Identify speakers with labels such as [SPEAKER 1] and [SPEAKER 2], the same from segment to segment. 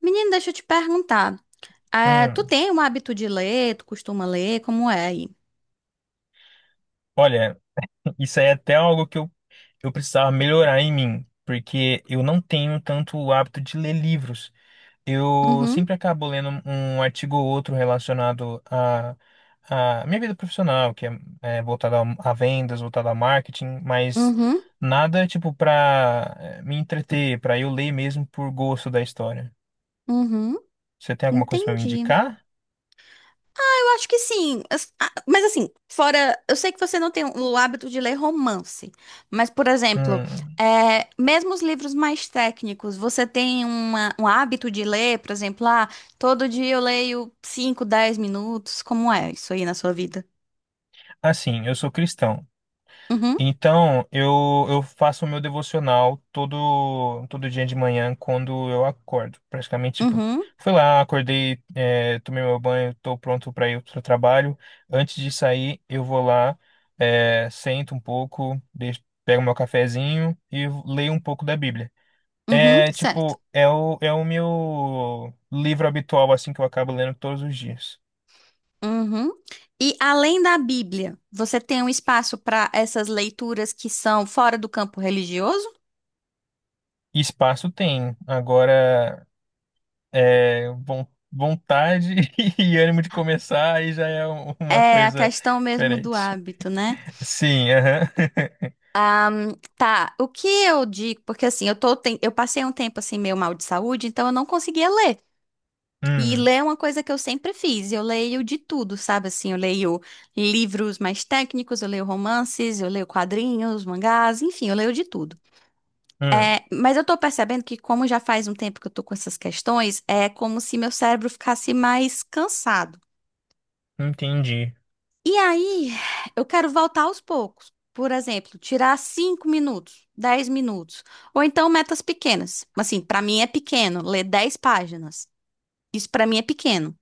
[SPEAKER 1] Menino, deixa eu te perguntar. É, tu
[SPEAKER 2] Hum,
[SPEAKER 1] tem um hábito de ler? Tu costuma ler? Como é aí?
[SPEAKER 2] olha, isso aí é até algo que eu precisava melhorar em mim, porque eu não tenho tanto o hábito de ler livros. Eu
[SPEAKER 1] Uhum,
[SPEAKER 2] sempre acabo lendo um artigo ou outro relacionado à minha vida profissional, que é voltada a vendas, voltada a marketing, mas
[SPEAKER 1] uhum,
[SPEAKER 2] nada tipo para me entreter, para eu ler mesmo por gosto da história.
[SPEAKER 1] uhum.
[SPEAKER 2] Você tem alguma coisa para me
[SPEAKER 1] Entendi.
[SPEAKER 2] indicar?
[SPEAKER 1] Eu acho que sim. Mas assim, fora. Eu sei que você não tem o hábito de ler romance. Mas, por exemplo,
[SPEAKER 2] Hum,
[SPEAKER 1] é, mesmo os livros mais técnicos, você tem um hábito de ler, por exemplo, ah, todo dia eu leio 5, 10 minutos. Como é isso aí na sua vida?
[SPEAKER 2] assim, eu sou cristão.
[SPEAKER 1] Uhum,
[SPEAKER 2] Então, eu faço o meu devocional todo dia de manhã quando eu acordo. Praticamente, tipo,
[SPEAKER 1] uhum,
[SPEAKER 2] fui lá, acordei, tomei meu banho, tô pronto para ir pro trabalho. Antes de sair, eu vou lá, sento um pouco, deixo, pego meu cafezinho e leio um pouco da Bíblia.
[SPEAKER 1] uhum.
[SPEAKER 2] É,
[SPEAKER 1] Certo.
[SPEAKER 2] tipo, é o meu livro habitual, assim, que eu acabo lendo todos os dias.
[SPEAKER 1] Uhum. E além da Bíblia, você tem um espaço para essas leituras que são fora do campo religioso?
[SPEAKER 2] Espaço tem. Agora. É, vontade e ânimo de começar, aí já é uma
[SPEAKER 1] É a
[SPEAKER 2] coisa
[SPEAKER 1] questão mesmo do
[SPEAKER 2] diferente.
[SPEAKER 1] hábito, né?
[SPEAKER 2] Sim, aham.
[SPEAKER 1] Tá, o que eu digo, porque assim, eu tô, eu passei um tempo assim meio mal de saúde, então eu não conseguia ler. E
[SPEAKER 2] Hum,
[SPEAKER 1] ler é uma coisa que eu sempre fiz. Eu leio de tudo, sabe? Assim, eu leio livros mais técnicos, eu leio romances, eu leio quadrinhos, mangás, enfim, eu leio de tudo.
[SPEAKER 2] hum,
[SPEAKER 1] É, mas eu tô percebendo que, como já faz um tempo que eu tô com essas questões, é como se meu cérebro ficasse mais cansado.
[SPEAKER 2] entendi.
[SPEAKER 1] E aí, eu quero voltar aos poucos. Por exemplo, tirar 5 minutos, 10 minutos. Ou então metas pequenas. Assim, pra mim é pequeno ler 10 páginas. Isso pra mim é pequeno.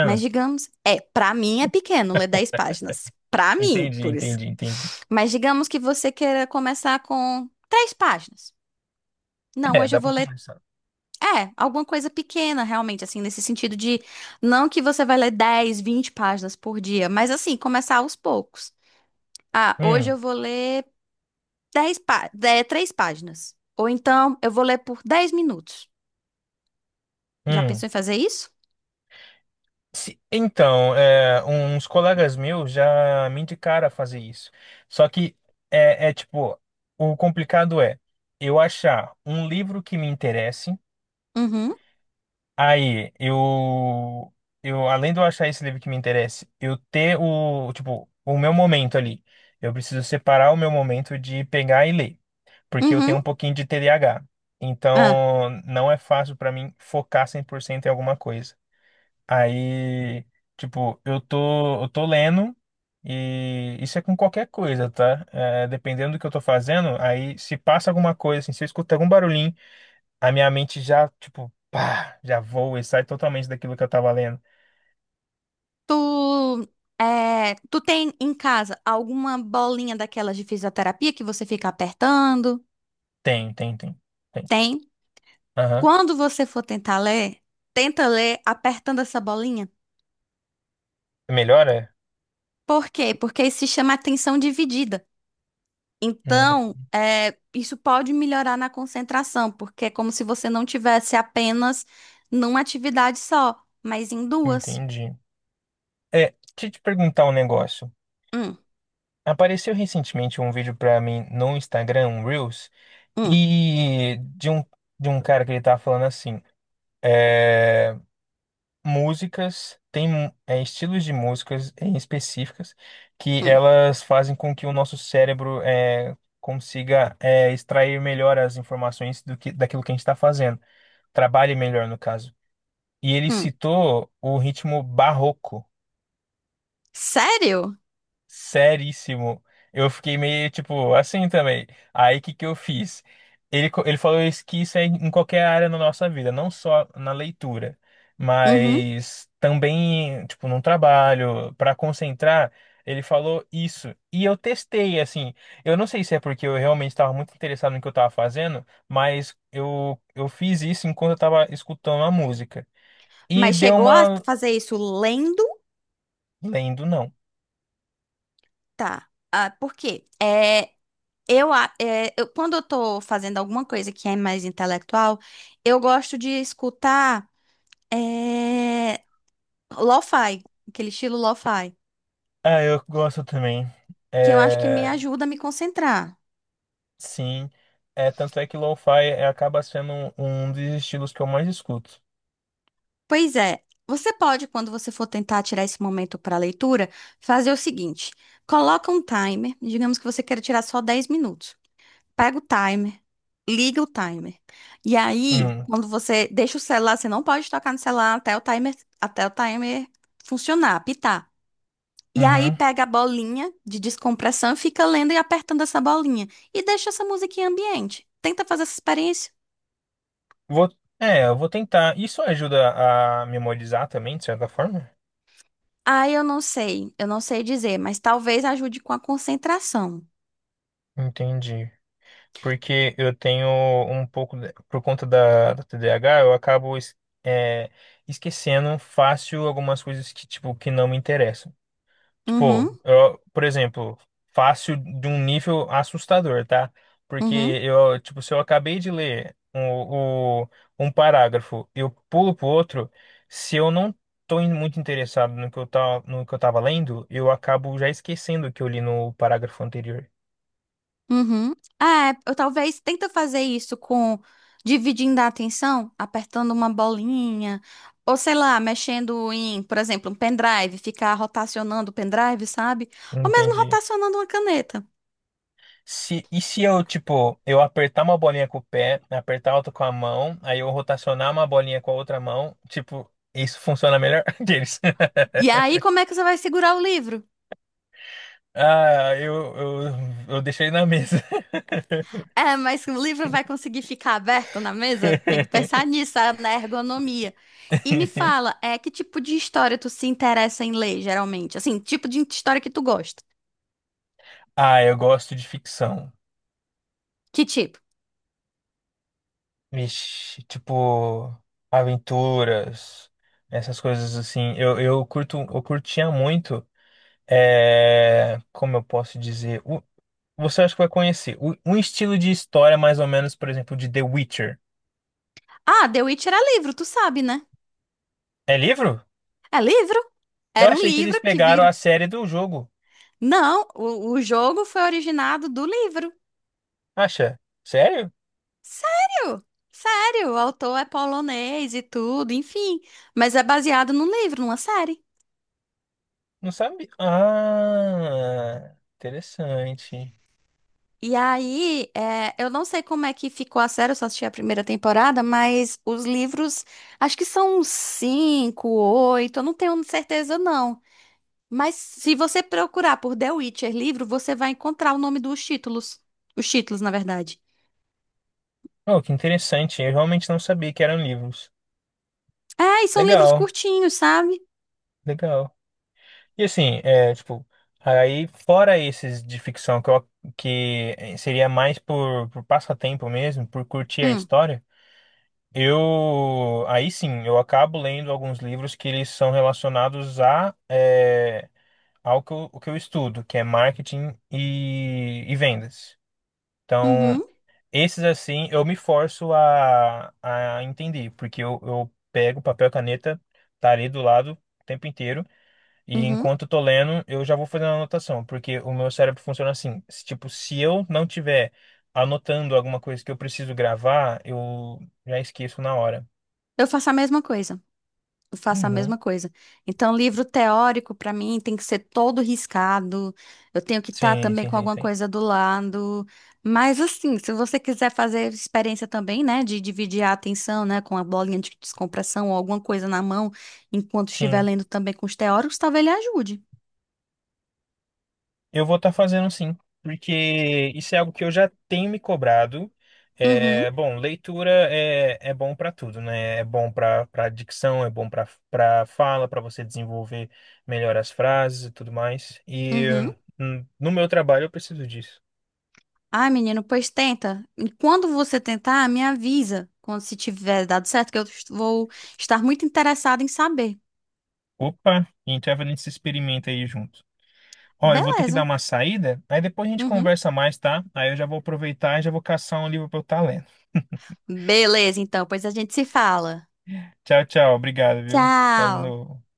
[SPEAKER 1] Mas digamos, é, pra mim é pequeno ler 10 páginas. Pra mim,
[SPEAKER 2] Entendi,
[SPEAKER 1] por isso.
[SPEAKER 2] entendi, entendi.
[SPEAKER 1] Mas digamos que você queira começar com 3 páginas. Não,
[SPEAKER 2] É,
[SPEAKER 1] hoje
[SPEAKER 2] dá
[SPEAKER 1] eu vou
[SPEAKER 2] pra
[SPEAKER 1] ler
[SPEAKER 2] começar.
[SPEAKER 1] é, alguma coisa pequena, realmente, assim, nesse sentido de não que você vai ler 10, 20 páginas por dia, mas assim, começar aos poucos. Ah, hoje
[SPEAKER 2] Hum,
[SPEAKER 1] eu vou ler 3 páginas. Ou então eu vou ler por 10 minutos. Já
[SPEAKER 2] hum.
[SPEAKER 1] pensou em fazer isso?
[SPEAKER 2] Então, é, uns colegas meus já me indicaram a fazer isso. Só que é, é tipo, o complicado é eu achar um livro que me interesse.
[SPEAKER 1] Uhum,
[SPEAKER 2] Aí, além de eu achar esse livro que me interessa, eu ter o, tipo, o meu momento ali. Eu preciso separar o meu momento de pegar e ler, porque eu tenho
[SPEAKER 1] uhum.
[SPEAKER 2] um pouquinho de T D A H.
[SPEAKER 1] Ah,
[SPEAKER 2] Então, não é fácil pra mim focar 100% em alguma coisa. Aí, tipo, eu tô lendo e isso é com qualquer coisa, tá? É, dependendo do que eu tô fazendo, aí se passa alguma coisa, assim, se eu escutar algum barulhinho, a minha mente já, tipo, pá, já voa e sai totalmente daquilo que eu tava lendo.
[SPEAKER 1] tu, é, tu tem em casa alguma bolinha daquelas de fisioterapia que você fica apertando?
[SPEAKER 2] Tem, tem, tem, tem.
[SPEAKER 1] Tem?
[SPEAKER 2] Aham.
[SPEAKER 1] Quando você for tentar ler, tenta ler apertando essa bolinha.
[SPEAKER 2] Melhora?
[SPEAKER 1] Por quê? Porque isso se chama atenção dividida.
[SPEAKER 2] Hum,
[SPEAKER 1] Então, é, isso pode melhorar na concentração, porque é como se você não tivesse apenas numa atividade só, mas em duas.
[SPEAKER 2] entendi. É, deixa eu te perguntar um negócio.
[SPEAKER 1] Hum,
[SPEAKER 2] Apareceu recentemente um vídeo pra mim no Instagram, um Reels,
[SPEAKER 1] hum,
[SPEAKER 2] e de um cara que ele tava falando assim, eh, músicas, tem é, estilos de músicas em específicas que
[SPEAKER 1] hum,
[SPEAKER 2] elas fazem com que o nosso cérebro é, consiga é, extrair melhor as informações do que, daquilo que a gente está fazendo, trabalhe melhor no caso. E ele
[SPEAKER 1] hum.
[SPEAKER 2] citou o ritmo barroco.
[SPEAKER 1] Sério?
[SPEAKER 2] Seríssimo. Eu fiquei meio, tipo, assim também. Aí, o que que eu fiz? Ele, ele falou isso, que isso é em qualquer área na nossa vida, não só na leitura,
[SPEAKER 1] Uhum.
[SPEAKER 2] mas também, tipo, num trabalho, para concentrar, ele falou isso. E eu testei, assim. Eu não sei se é porque eu realmente estava muito interessado no que eu estava fazendo, mas eu fiz isso enquanto eu estava escutando a música. E
[SPEAKER 1] Mas
[SPEAKER 2] deu
[SPEAKER 1] chegou a
[SPEAKER 2] uma...
[SPEAKER 1] fazer isso lendo?
[SPEAKER 2] Lendo, não.
[SPEAKER 1] Tá. Ah, por quê? É, eu, a- é, eu- Quando eu tô fazendo alguma coisa que é mais intelectual, eu gosto de escutar é, lo-fi, aquele estilo lo-fi.
[SPEAKER 2] Ah, eu gosto também.
[SPEAKER 1] Que eu acho que me
[SPEAKER 2] É,
[SPEAKER 1] ajuda a me concentrar.
[SPEAKER 2] sim, é tanto é que lo-fi é, acaba sendo um dos estilos que eu mais escuto.
[SPEAKER 1] Pois é, você pode, quando você for tentar tirar esse momento para leitura, fazer o seguinte: coloca um timer, digamos que você queira tirar só 10 minutos. Pega o timer, liga o timer. E aí,
[SPEAKER 2] Hum,
[SPEAKER 1] quando você deixa o celular, você não pode tocar no celular até o timer funcionar, apitar. E aí
[SPEAKER 2] uhum.
[SPEAKER 1] pega a bolinha de descompressão e fica lendo e apertando essa bolinha. E deixa essa musiquinha ambiente. Tenta fazer essa experiência.
[SPEAKER 2] Vou, é, eu vou tentar. Isso ajuda a memorizar também, de certa forma?
[SPEAKER 1] Ah, eu não sei dizer, mas talvez ajude com a concentração.
[SPEAKER 2] Entendi. Porque eu tenho um pouco, por conta da, da TDAH, eu acabo é, esquecendo fácil algumas coisas que, tipo, que não me interessam. Tipo,
[SPEAKER 1] Uhum,
[SPEAKER 2] eu, por exemplo, fácil de um nível assustador, tá? Porque
[SPEAKER 1] uhum,
[SPEAKER 2] eu, tipo, se eu acabei de ler um parágrafo, eu pulo pro outro, se eu não muito interessado no que eu tá, no que eu tava lendo, eu acabo já esquecendo o que eu li no parágrafo anterior.
[SPEAKER 1] uhum. Ah, é, eu talvez tenta fazer isso com dividindo a atenção, apertando uma bolinha, ou sei lá, mexendo em, por exemplo, um pendrive, ficar rotacionando o pendrive, sabe? Ou mesmo
[SPEAKER 2] Entendi.
[SPEAKER 1] rotacionando uma caneta.
[SPEAKER 2] Se, e se eu, tipo, eu apertar uma bolinha com o pé, apertar outra com a mão, aí eu rotacionar uma bolinha com a outra mão, tipo, isso funciona melhor deles.
[SPEAKER 1] E aí, como é que você vai segurar o livro?
[SPEAKER 2] Ah, eu deixei na mesa.
[SPEAKER 1] É, mas o livro vai conseguir ficar aberto na mesa? Tem que pensar nisso, ah, na ergonomia. E me fala, é que tipo de história tu se interessa em ler, geralmente? Assim, tipo de história que tu gosta?
[SPEAKER 2] Ah, eu gosto de ficção.
[SPEAKER 1] Que tipo?
[SPEAKER 2] Vixe, tipo, aventuras, essas coisas assim. Eu curto, eu curtia muito. É, como eu posso dizer? Você acha que vai conhecer. Um estilo de história, mais ou menos, por exemplo, de The Witcher.
[SPEAKER 1] Ah, The Witch era livro, tu sabe, né?
[SPEAKER 2] É livro?
[SPEAKER 1] É livro?
[SPEAKER 2] Eu
[SPEAKER 1] Era um
[SPEAKER 2] achei que eles
[SPEAKER 1] livro que
[SPEAKER 2] pegaram
[SPEAKER 1] vira.
[SPEAKER 2] a série do jogo.
[SPEAKER 1] Não, o jogo foi originado do livro.
[SPEAKER 2] Acha? Sério?
[SPEAKER 1] Sério? Sério, o autor é polonês e tudo, enfim. Mas é baseado num livro, numa série.
[SPEAKER 2] Não sabia. Ah, interessante.
[SPEAKER 1] E aí, é, eu não sei como é que ficou a série, eu só assisti a primeira temporada, mas os livros, acho que são uns cinco, oito, eu não tenho certeza não. Mas se você procurar por The Witcher livro, você vai encontrar o nome dos títulos. Os títulos, na verdade.
[SPEAKER 2] Oh, que interessante. Eu realmente não sabia que eram livros.
[SPEAKER 1] É, e são livros
[SPEAKER 2] Legal,
[SPEAKER 1] curtinhos, sabe?
[SPEAKER 2] legal. E assim, é, tipo, aí fora esses de ficção que, que eh, seria mais por passatempo mesmo, por curtir a
[SPEAKER 1] Hum,
[SPEAKER 2] história, eu aí sim, eu acabo lendo alguns livros que eles são relacionados a é, ao que eu, o que eu estudo, que é marketing e vendas. Então,
[SPEAKER 1] uhum,
[SPEAKER 2] esses, assim, eu me forço a entender, porque eu pego papel e caneta, tá ali do lado o tempo inteiro, e
[SPEAKER 1] uhum.
[SPEAKER 2] enquanto eu tô lendo, eu já vou fazendo a anotação, porque o meu cérebro funciona assim, se, tipo, se eu não tiver anotando alguma coisa que eu preciso gravar, eu já esqueço na hora.
[SPEAKER 1] Eu faço a mesma coisa. Eu faço a
[SPEAKER 2] Uhum.
[SPEAKER 1] mesma coisa. Então, livro teórico, para mim, tem que ser todo riscado. Eu tenho que estar
[SPEAKER 2] Sim,
[SPEAKER 1] também
[SPEAKER 2] sim,
[SPEAKER 1] com
[SPEAKER 2] sim,
[SPEAKER 1] alguma
[SPEAKER 2] sim.
[SPEAKER 1] coisa do lado. Mas, assim, se você quiser fazer experiência também, né, de dividir a atenção, né, com a bolinha de descompressão ou alguma coisa na mão, enquanto estiver
[SPEAKER 2] Sim.
[SPEAKER 1] lendo também com os teóricos, talvez ele ajude.
[SPEAKER 2] Eu vou estar fazendo sim, porque isso é algo que eu já tenho me cobrado.
[SPEAKER 1] Uhum,
[SPEAKER 2] É, bom, leitura é, é bom para tudo, né? É bom para para dicção, é bom para para fala, para você desenvolver melhor as frases e tudo mais. E
[SPEAKER 1] uhum.
[SPEAKER 2] no meu trabalho eu preciso disso.
[SPEAKER 1] Ai, menino, pois tenta. E quando você tentar, me avisa. Quando se tiver dado certo, que vou estar muito interessada em saber.
[SPEAKER 2] Opa, então a gente se experimenta aí junto. Ó, eu vou ter que dar
[SPEAKER 1] Beleza.
[SPEAKER 2] uma saída, aí depois a gente
[SPEAKER 1] Uhum.
[SPEAKER 2] conversa mais, tá? Aí eu já vou aproveitar e já vou caçar um livro para eu estar lendo.
[SPEAKER 1] Beleza, então, pois a gente se fala.
[SPEAKER 2] Tchau, tchau, obrigado, viu?
[SPEAKER 1] Tchau!
[SPEAKER 2] Falou.